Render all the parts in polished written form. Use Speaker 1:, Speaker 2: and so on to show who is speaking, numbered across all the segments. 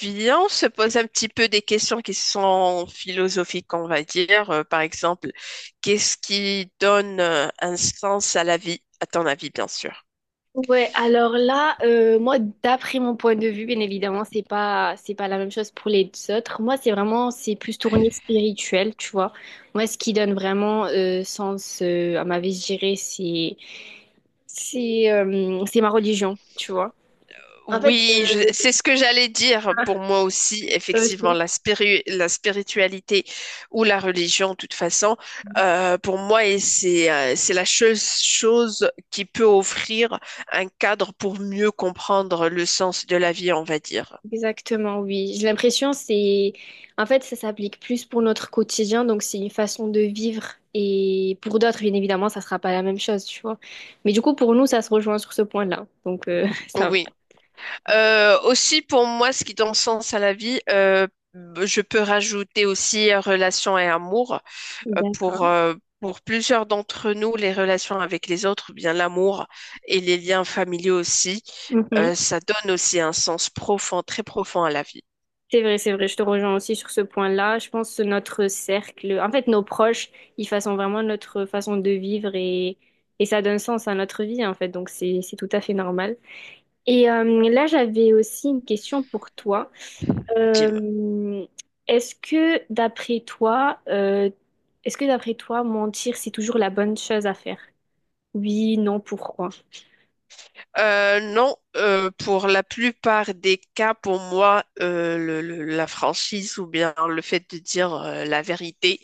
Speaker 1: Viens, on se pose un petit peu des questions qui sont philosophiques, on va dire. Par exemple, qu'est-ce qui donne un sens à la vie, à ton avis, bien sûr.
Speaker 2: Ouais, alors là, moi, d'après mon point de vue, bien évidemment, c'est pas la même chose pour les autres. Moi, c'est plus tourné spirituel, tu vois. Moi, ce qui donne vraiment sens à ma vie, je dirais, c'est c'est ma religion, tu vois. En fait,
Speaker 1: Oui, c'est ce que j'allais dire pour moi aussi, effectivement, la spiritualité ou la religion, de toute façon, pour moi, c'est la chose qui peut offrir un cadre pour mieux comprendre le sens de la vie, on va dire.
Speaker 2: Exactement, oui. J'ai l'impression c'est en fait ça s'applique plus pour notre quotidien, donc c'est une façon de vivre et pour d'autres bien évidemment ça sera pas la même chose, tu vois. Mais du coup pour nous ça se rejoint sur ce point-là. Donc ça va.
Speaker 1: Oui. Aussi, pour moi, ce qui donne sens à la vie, je peux rajouter aussi relations et amour. Euh, pour,
Speaker 2: D'accord.
Speaker 1: euh, pour plusieurs d'entre nous, les relations avec les autres, bien l'amour et les liens familiaux aussi,
Speaker 2: Mhm.
Speaker 1: ça donne aussi un sens profond, très profond à la vie.
Speaker 2: C'est vrai, je te rejoins aussi sur ce point-là. Je pense que notre cercle, en fait nos proches, ils façonnent vraiment notre façon de vivre et ça donne sens à notre vie en fait, donc c'est tout à fait normal. Et là j'avais aussi une question pour toi.
Speaker 1: Dis.
Speaker 2: Euh, est-ce que d'après toi, euh, est-ce que d'après toi, mentir, c'est toujours la bonne chose à faire? Oui, non, pourquoi?
Speaker 1: Non, pour la plupart des cas, pour moi, la franchise ou bien le fait de dire la vérité,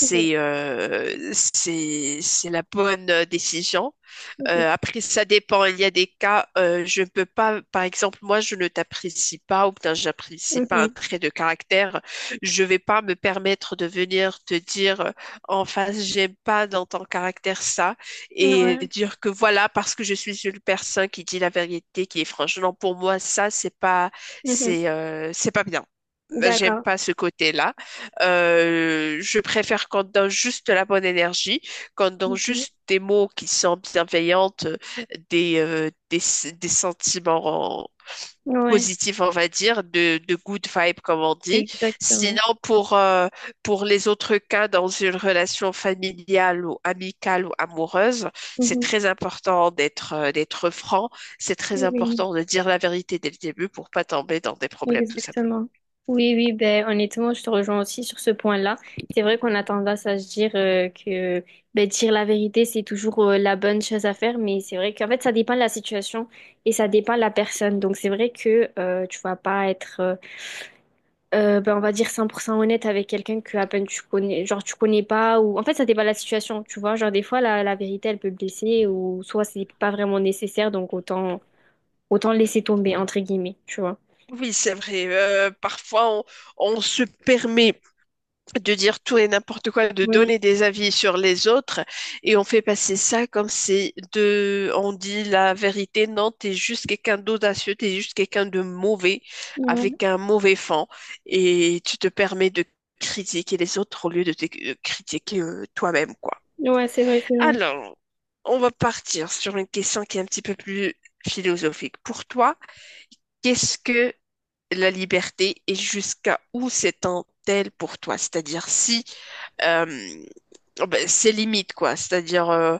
Speaker 2: Mhm,
Speaker 1: euh, c'est c'est la bonne décision. Après, ça dépend. Il y a des cas, je ne peux pas, par exemple. Moi, je ne t'apprécie pas ou bien j'apprécie pas un
Speaker 2: mhm,
Speaker 1: trait de caractère. Je ne vais pas me permettre de venir te dire en face, j'aime pas dans ton caractère ça,
Speaker 2: mhm,
Speaker 1: et
Speaker 2: ouais,
Speaker 1: dire que voilà, parce que je suis une personne qui dit la vérité, qui est franche. Non, pour moi, ça,
Speaker 2: mhm.
Speaker 1: c'est pas bien. J'aime
Speaker 2: D'accord.
Speaker 1: pas ce côté-là. Je préfère qu'on donne juste la bonne énergie quand dans
Speaker 2: Mhm.
Speaker 1: juste des mots qui sont bienveillantes, des, euh, des, des sentiments
Speaker 2: Ouais,
Speaker 1: positifs, on va dire, de good vibe, comme on dit.
Speaker 2: exactement.
Speaker 1: Sinon, pour les autres cas, dans une relation familiale ou amicale ou amoureuse, c'est
Speaker 2: Mhm.
Speaker 1: très important d'être d'être franc. C'est très
Speaker 2: Oui.
Speaker 1: important de dire la vérité dès le début pour pas tomber dans des problèmes, tout simplement.
Speaker 2: Exactement. Oui, oui, ben, honnêtement, je te rejoins aussi sur ce point-là. C'est vrai qu'on a tendance à se dire que ben, dire la vérité, c'est toujours la bonne chose à faire, mais c'est vrai qu'en fait, ça dépend de la situation et ça dépend de la personne. Donc, c'est vrai que tu vas pas être, ben, on va dire, 100% honnête avec quelqu'un que à peine tu connais, genre tu connais pas, ou en fait, ça dépend de la situation, tu vois. Genre, des fois, la vérité, elle peut blesser, ou soit c'est pas vraiment nécessaire, donc autant, autant laisser tomber, entre guillemets, tu vois.
Speaker 1: Oui, c'est vrai. Parfois, on se permet de dire tout et n'importe quoi, de
Speaker 2: Oui.
Speaker 1: donner des avis sur les autres, et on fait passer ça comme c'est de, on dit la vérité. Non, t'es juste quelqu'un d'audacieux, t'es juste quelqu'un de mauvais,
Speaker 2: Ouais.
Speaker 1: avec un mauvais fond, et tu te permets de critiquer les autres au lieu de te de critiquer toi-même, quoi.
Speaker 2: Ouais, c'est vrai, c'est vrai.
Speaker 1: Alors, on va partir sur une question qui est un petit peu plus philosophique. Pour toi, qu'est-ce que la liberté et jusqu'à où s'étend-elle pour toi? C'est-à-dire si euh, ben, c'est limite, quoi. C'est-à-dire,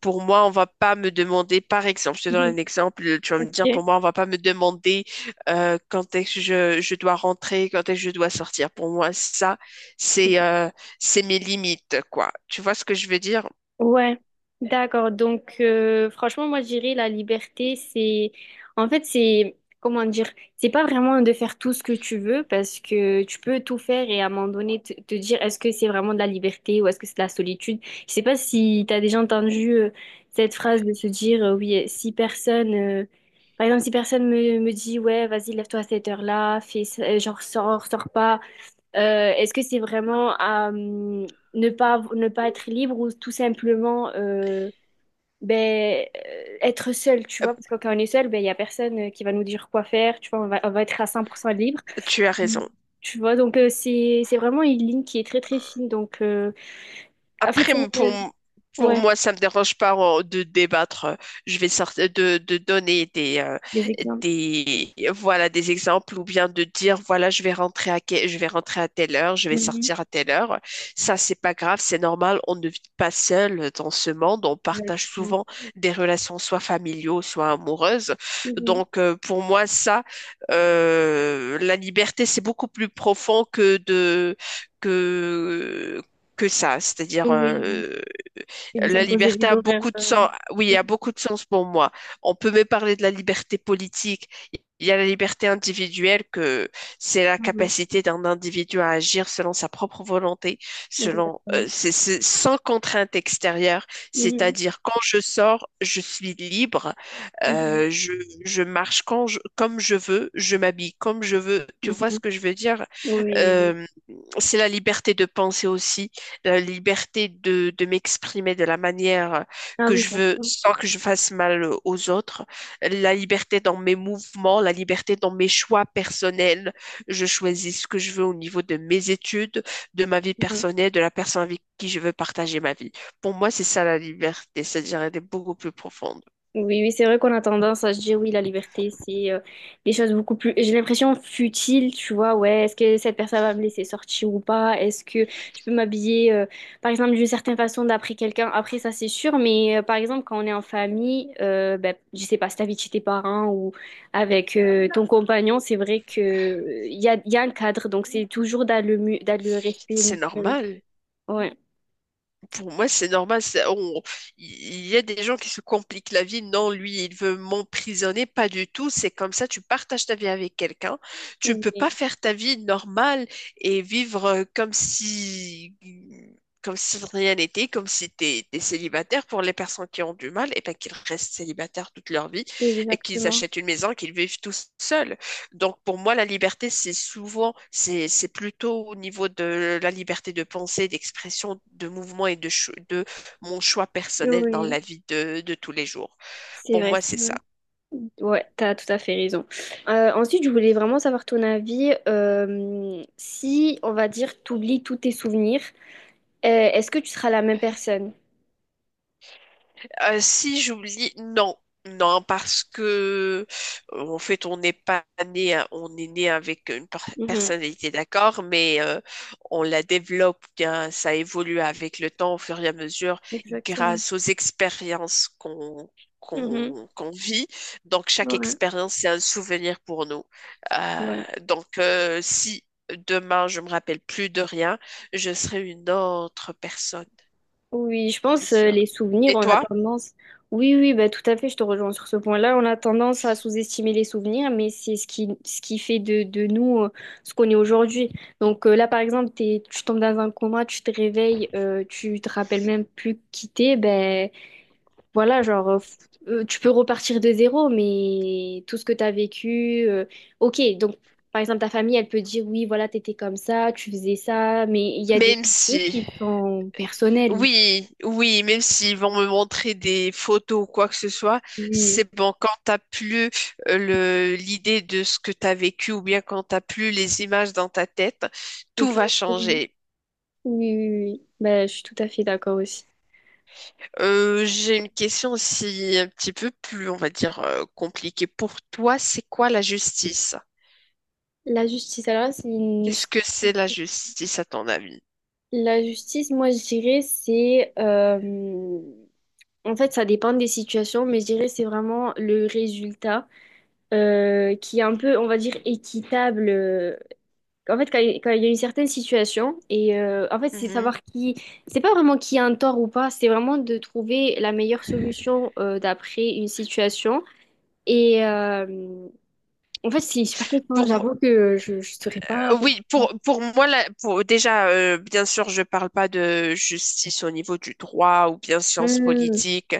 Speaker 1: pour moi, on va pas me demander, par exemple, je te donne
Speaker 2: Mhm.
Speaker 1: un exemple, tu vas me dire,
Speaker 2: Ok.
Speaker 1: pour moi, on va pas me demander quand est-ce que je dois rentrer, quand est-ce que je dois sortir. Pour moi, ça, c'est euh, c'est mes limites, quoi. Tu vois ce que je veux dire?
Speaker 2: Ouais, d'accord. Donc, franchement, moi, je dirais la liberté, c'est, en fait, c'est, comment dire, c'est pas vraiment de faire tout ce que tu veux parce que tu peux tout faire et à un moment donné te dire est-ce que c'est vraiment de la liberté ou est-ce que c'est de la solitude. Je sais pas si t'as déjà entendu cette phrase de se dire oui, si personne me dit ouais, vas-y, lève-toi à cette heure-là, genre sors, sors pas. Est-ce que c'est vraiment ne pas être libre ou tout simplement être seul, tu
Speaker 1: Euh,
Speaker 2: vois? Parce que quand on est seul, ben, il n'y a personne qui va nous dire quoi faire, tu vois, on va être à 100% libre,
Speaker 1: Tu as
Speaker 2: Mm,
Speaker 1: raison.
Speaker 2: tu vois? Donc, c'est vraiment une ligne qui est très, très fine. Donc, en fait,
Speaker 1: Après,
Speaker 2: c'est-
Speaker 1: m- pour,
Speaker 2: euh,
Speaker 1: m- Pour
Speaker 2: ouais,
Speaker 1: moi, ça me dérange pas de débattre. Je vais sortir de donner
Speaker 2: des exemples.
Speaker 1: voilà, des exemples ou bien de dire, voilà, je vais rentrer à, je vais rentrer à telle heure, je vais
Speaker 2: Mhm.
Speaker 1: sortir à telle heure. Ça, c'est pas grave, c'est normal. On ne vit pas seul dans ce monde. On partage
Speaker 2: Exactement.
Speaker 1: souvent des relations, soit familiaux, soit amoureuses.
Speaker 2: Mhm.
Speaker 1: Donc, pour moi, ça, la liberté, c'est beaucoup plus profond que que que ça. C'est-à-dire,
Speaker 2: Oui, oui, et de
Speaker 1: la
Speaker 2: s'imposer
Speaker 1: liberté
Speaker 2: des
Speaker 1: a
Speaker 2: horaires.
Speaker 1: beaucoup de sens. Oui, a beaucoup de sens pour moi. On peut me parler de la liberté politique. Il y a la liberté individuelle, que c'est la
Speaker 2: Mhm.
Speaker 1: capacité d'un individu à agir selon sa propre volonté, selon,
Speaker 2: Exactement.
Speaker 1: c'est sans contrainte extérieure.
Speaker 2: Mhm.
Speaker 1: C'est-à-dire, quand je sors, je suis libre.
Speaker 2: Mhm.
Speaker 1: Euh, je, je marche comme je veux, je m'habille comme je veux. Tu vois ce
Speaker 2: Mhm.
Speaker 1: que je veux dire?
Speaker 2: Oui, oui, oui.
Speaker 1: Euh, c'est la liberté de penser aussi, la liberté de m'exprimer de la manière
Speaker 2: Ah
Speaker 1: que
Speaker 2: oui,
Speaker 1: je
Speaker 2: ça.
Speaker 1: veux sans que je fasse mal aux autres, la liberté dans mes mouvements, la liberté dans mes choix personnels. Je choisis ce que je veux au niveau de mes études, de ma vie
Speaker 2: Mhm.
Speaker 1: personnelle, de la personne avec qui je veux partager ma vie. Pour moi, c'est ça la liberté, c'est-à-dire elle est beaucoup plus profonde.
Speaker 2: Oui, oui, c'est vrai qu'on a tendance à se dire oui, la liberté, c'est des choses beaucoup plus. J'ai l'impression futile, tu vois. Ouais, est-ce que cette personne va me laisser sortir ou pas? Est-ce que je peux m'habiller, par exemple, d'une certaine façon d'après quelqu'un? Après, ça, c'est sûr. Mais par exemple, quand on est en famille, ben, je sais pas, si t'habites chez tes parents ou avec ton compagnon, c'est vrai que il y a un cadre. Donc, c'est toujours dans dans le respect
Speaker 1: C'est
Speaker 2: mutuel.
Speaker 1: normal.
Speaker 2: Ouais.
Speaker 1: Pour moi, c'est normal. Il y a des gens qui se compliquent la vie. Non, lui, il veut m'emprisonner. Pas du tout. C'est comme ça. Tu partages ta vie avec quelqu'un. Tu ne peux pas
Speaker 2: Oui,
Speaker 1: faire ta vie normale et vivre comme si rien n'était, comme si tu étais célibataire. Pour les personnes qui ont du mal, et ben, qu'ils restent célibataires toute leur vie et qu'ils
Speaker 2: exactement.
Speaker 1: achètent une maison, qu'ils vivent tout seuls. Donc pour moi, la liberté, c'est plutôt au niveau de la liberté de pensée, d'expression, de mouvement et de mon choix personnel dans
Speaker 2: Oui,
Speaker 1: la vie de tous les jours.
Speaker 2: c'est
Speaker 1: Pour
Speaker 2: vrai.
Speaker 1: moi, c'est ça.
Speaker 2: Ouais, t'as tout à fait raison. Ensuite, je voulais vraiment savoir ton avis. Si, on va dire, t'oublies tous tes souvenirs, euh, est-ce que tu seras la même personne?
Speaker 1: Si j'oublie, non, non, parce que en fait, on n'est pas né, à- on est né avec une
Speaker 2: Mhm.
Speaker 1: personnalité, d'accord, mais on la développe bien, ça évolue avec le temps, au fur et à mesure,
Speaker 2: Exactement.
Speaker 1: grâce aux expériences qu'on
Speaker 2: Mhm.
Speaker 1: qu'on qu'on vit. Donc, chaque
Speaker 2: Ouais,
Speaker 1: expérience, c'est un souvenir pour nous. Euh,
Speaker 2: ouais.
Speaker 1: Si demain, je me rappelle plus de rien, je serai une autre personne,
Speaker 2: Oui, je
Speaker 1: c'est
Speaker 2: pense
Speaker 1: sûr.
Speaker 2: les souvenirs,
Speaker 1: Et
Speaker 2: on a
Speaker 1: toi?
Speaker 2: tendance. Oui, oui, bah, tout à fait, je te rejoins sur ce point-là. On a tendance à sous-estimer les souvenirs, mais c'est ce qui fait de nous ce qu'on est aujourd'hui. Donc là, par exemple, tu tombes dans un coma, tu te réveilles, tu te rappelles même plus qui t'es, ben voilà, genre, tu peux repartir de zéro, mais tout ce que tu as vécu, ok, donc par exemple, ta famille, elle peut dire, oui, voilà, t'étais comme ça, tu faisais ça, mais il y a des
Speaker 1: Même
Speaker 2: souvenirs
Speaker 1: si.
Speaker 2: qui sont personnels.
Speaker 1: Oui, oui, même s'ils vont me montrer des photos ou quoi que ce soit,
Speaker 2: Oui,
Speaker 1: c'est bon, quand t'as plus l'idée de ce que t'as vécu ou bien quand t'as plus les images dans ta tête, tout va
Speaker 2: exactement.
Speaker 1: changer.
Speaker 2: Oui, oui, oui, oui, oui. Bah, je suis tout à fait d'accord aussi.
Speaker 1: J'ai une question aussi un petit peu plus, on va dire, compliquée. Pour toi, c'est quoi la justice?
Speaker 2: La justice, alors là, c'est une...
Speaker 1: Qu'est-ce que c'est la justice à ton avis?
Speaker 2: La justice, moi, je dirais, c'est... En fait, ça dépend des situations, mais je dirais, c'est vraiment le résultat qui est un peu, on va dire, équitable. En fait, quand il y a une certaine situation, et en fait, c'est
Speaker 1: Mhm.
Speaker 2: savoir qui. C'est pas vraiment qui a un tort ou pas, c'est vraiment de trouver la meilleure solution d'après une situation. Et en fait, c'est une super question.
Speaker 1: Pour,
Speaker 2: J'avoue que je ne saurais pas.
Speaker 1: Oui, pour moi, là, pour, déjà, bien sûr, je parle pas de justice au niveau du droit ou bien sciences
Speaker 2: Hmm,
Speaker 1: politiques.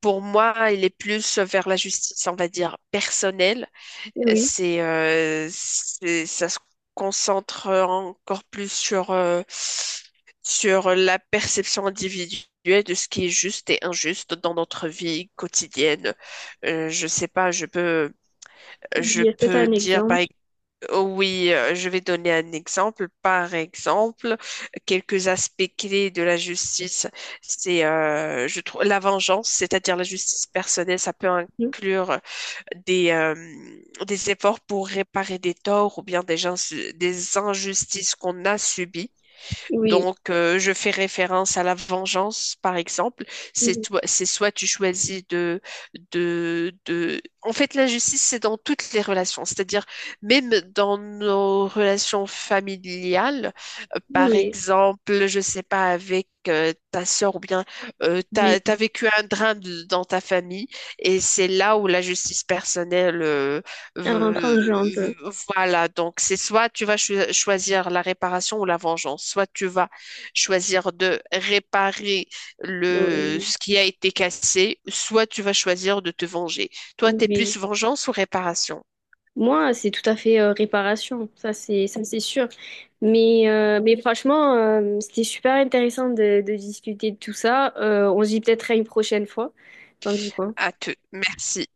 Speaker 1: Pour moi, il est plus vers la justice, on va dire, personnelle.
Speaker 2: oui,
Speaker 1: Ça se concentre encore plus sur, sur la perception individuelle de ce qui est juste et injuste dans notre vie quotidienne. Je sais pas,
Speaker 2: il
Speaker 1: je
Speaker 2: y a peut-être
Speaker 1: peux
Speaker 2: un
Speaker 1: dire, par
Speaker 2: exemple.
Speaker 1: exemple, oui, je vais donner un exemple. Par exemple, quelques aspects clés de la justice, je trouve, la vengeance, c'est-à-dire la justice personnelle, ça peut
Speaker 2: Hmm.
Speaker 1: inclure des, euh, des efforts pour réparer des torts ou bien des gens, des injustices qu'on a subies.
Speaker 2: Oui,
Speaker 1: Donc, je fais référence à la vengeance, par exemple. C'est
Speaker 2: oui,
Speaker 1: toi, c'est soit tu choisis de. En fait, la justice, c'est dans toutes les relations. C'est-à-dire, même dans nos relations familiales, par
Speaker 2: oui.
Speaker 1: exemple, je sais pas, avec ta sœur ou bien t'as
Speaker 2: Oui.
Speaker 1: vécu un drame dans ta famille, et c'est là où la justice personnelle
Speaker 2: Elle rentre en
Speaker 1: euh,
Speaker 2: jeu un peu.
Speaker 1: voilà, donc c'est soit tu vas choisir la réparation ou la vengeance, soit tu vas choisir de réparer le,
Speaker 2: Oui,
Speaker 1: ce qui a été cassé, soit tu vas choisir de te venger. Toi, t'es
Speaker 2: oui.
Speaker 1: plus vengeance ou réparation?
Speaker 2: Moi, c'est tout à fait réparation, ça c'est sûr. Mais franchement, c'était super intéressant de discuter de tout ça. On se dit peut-être à une prochaine fois. T'en dis quoi?
Speaker 1: À te. Merci.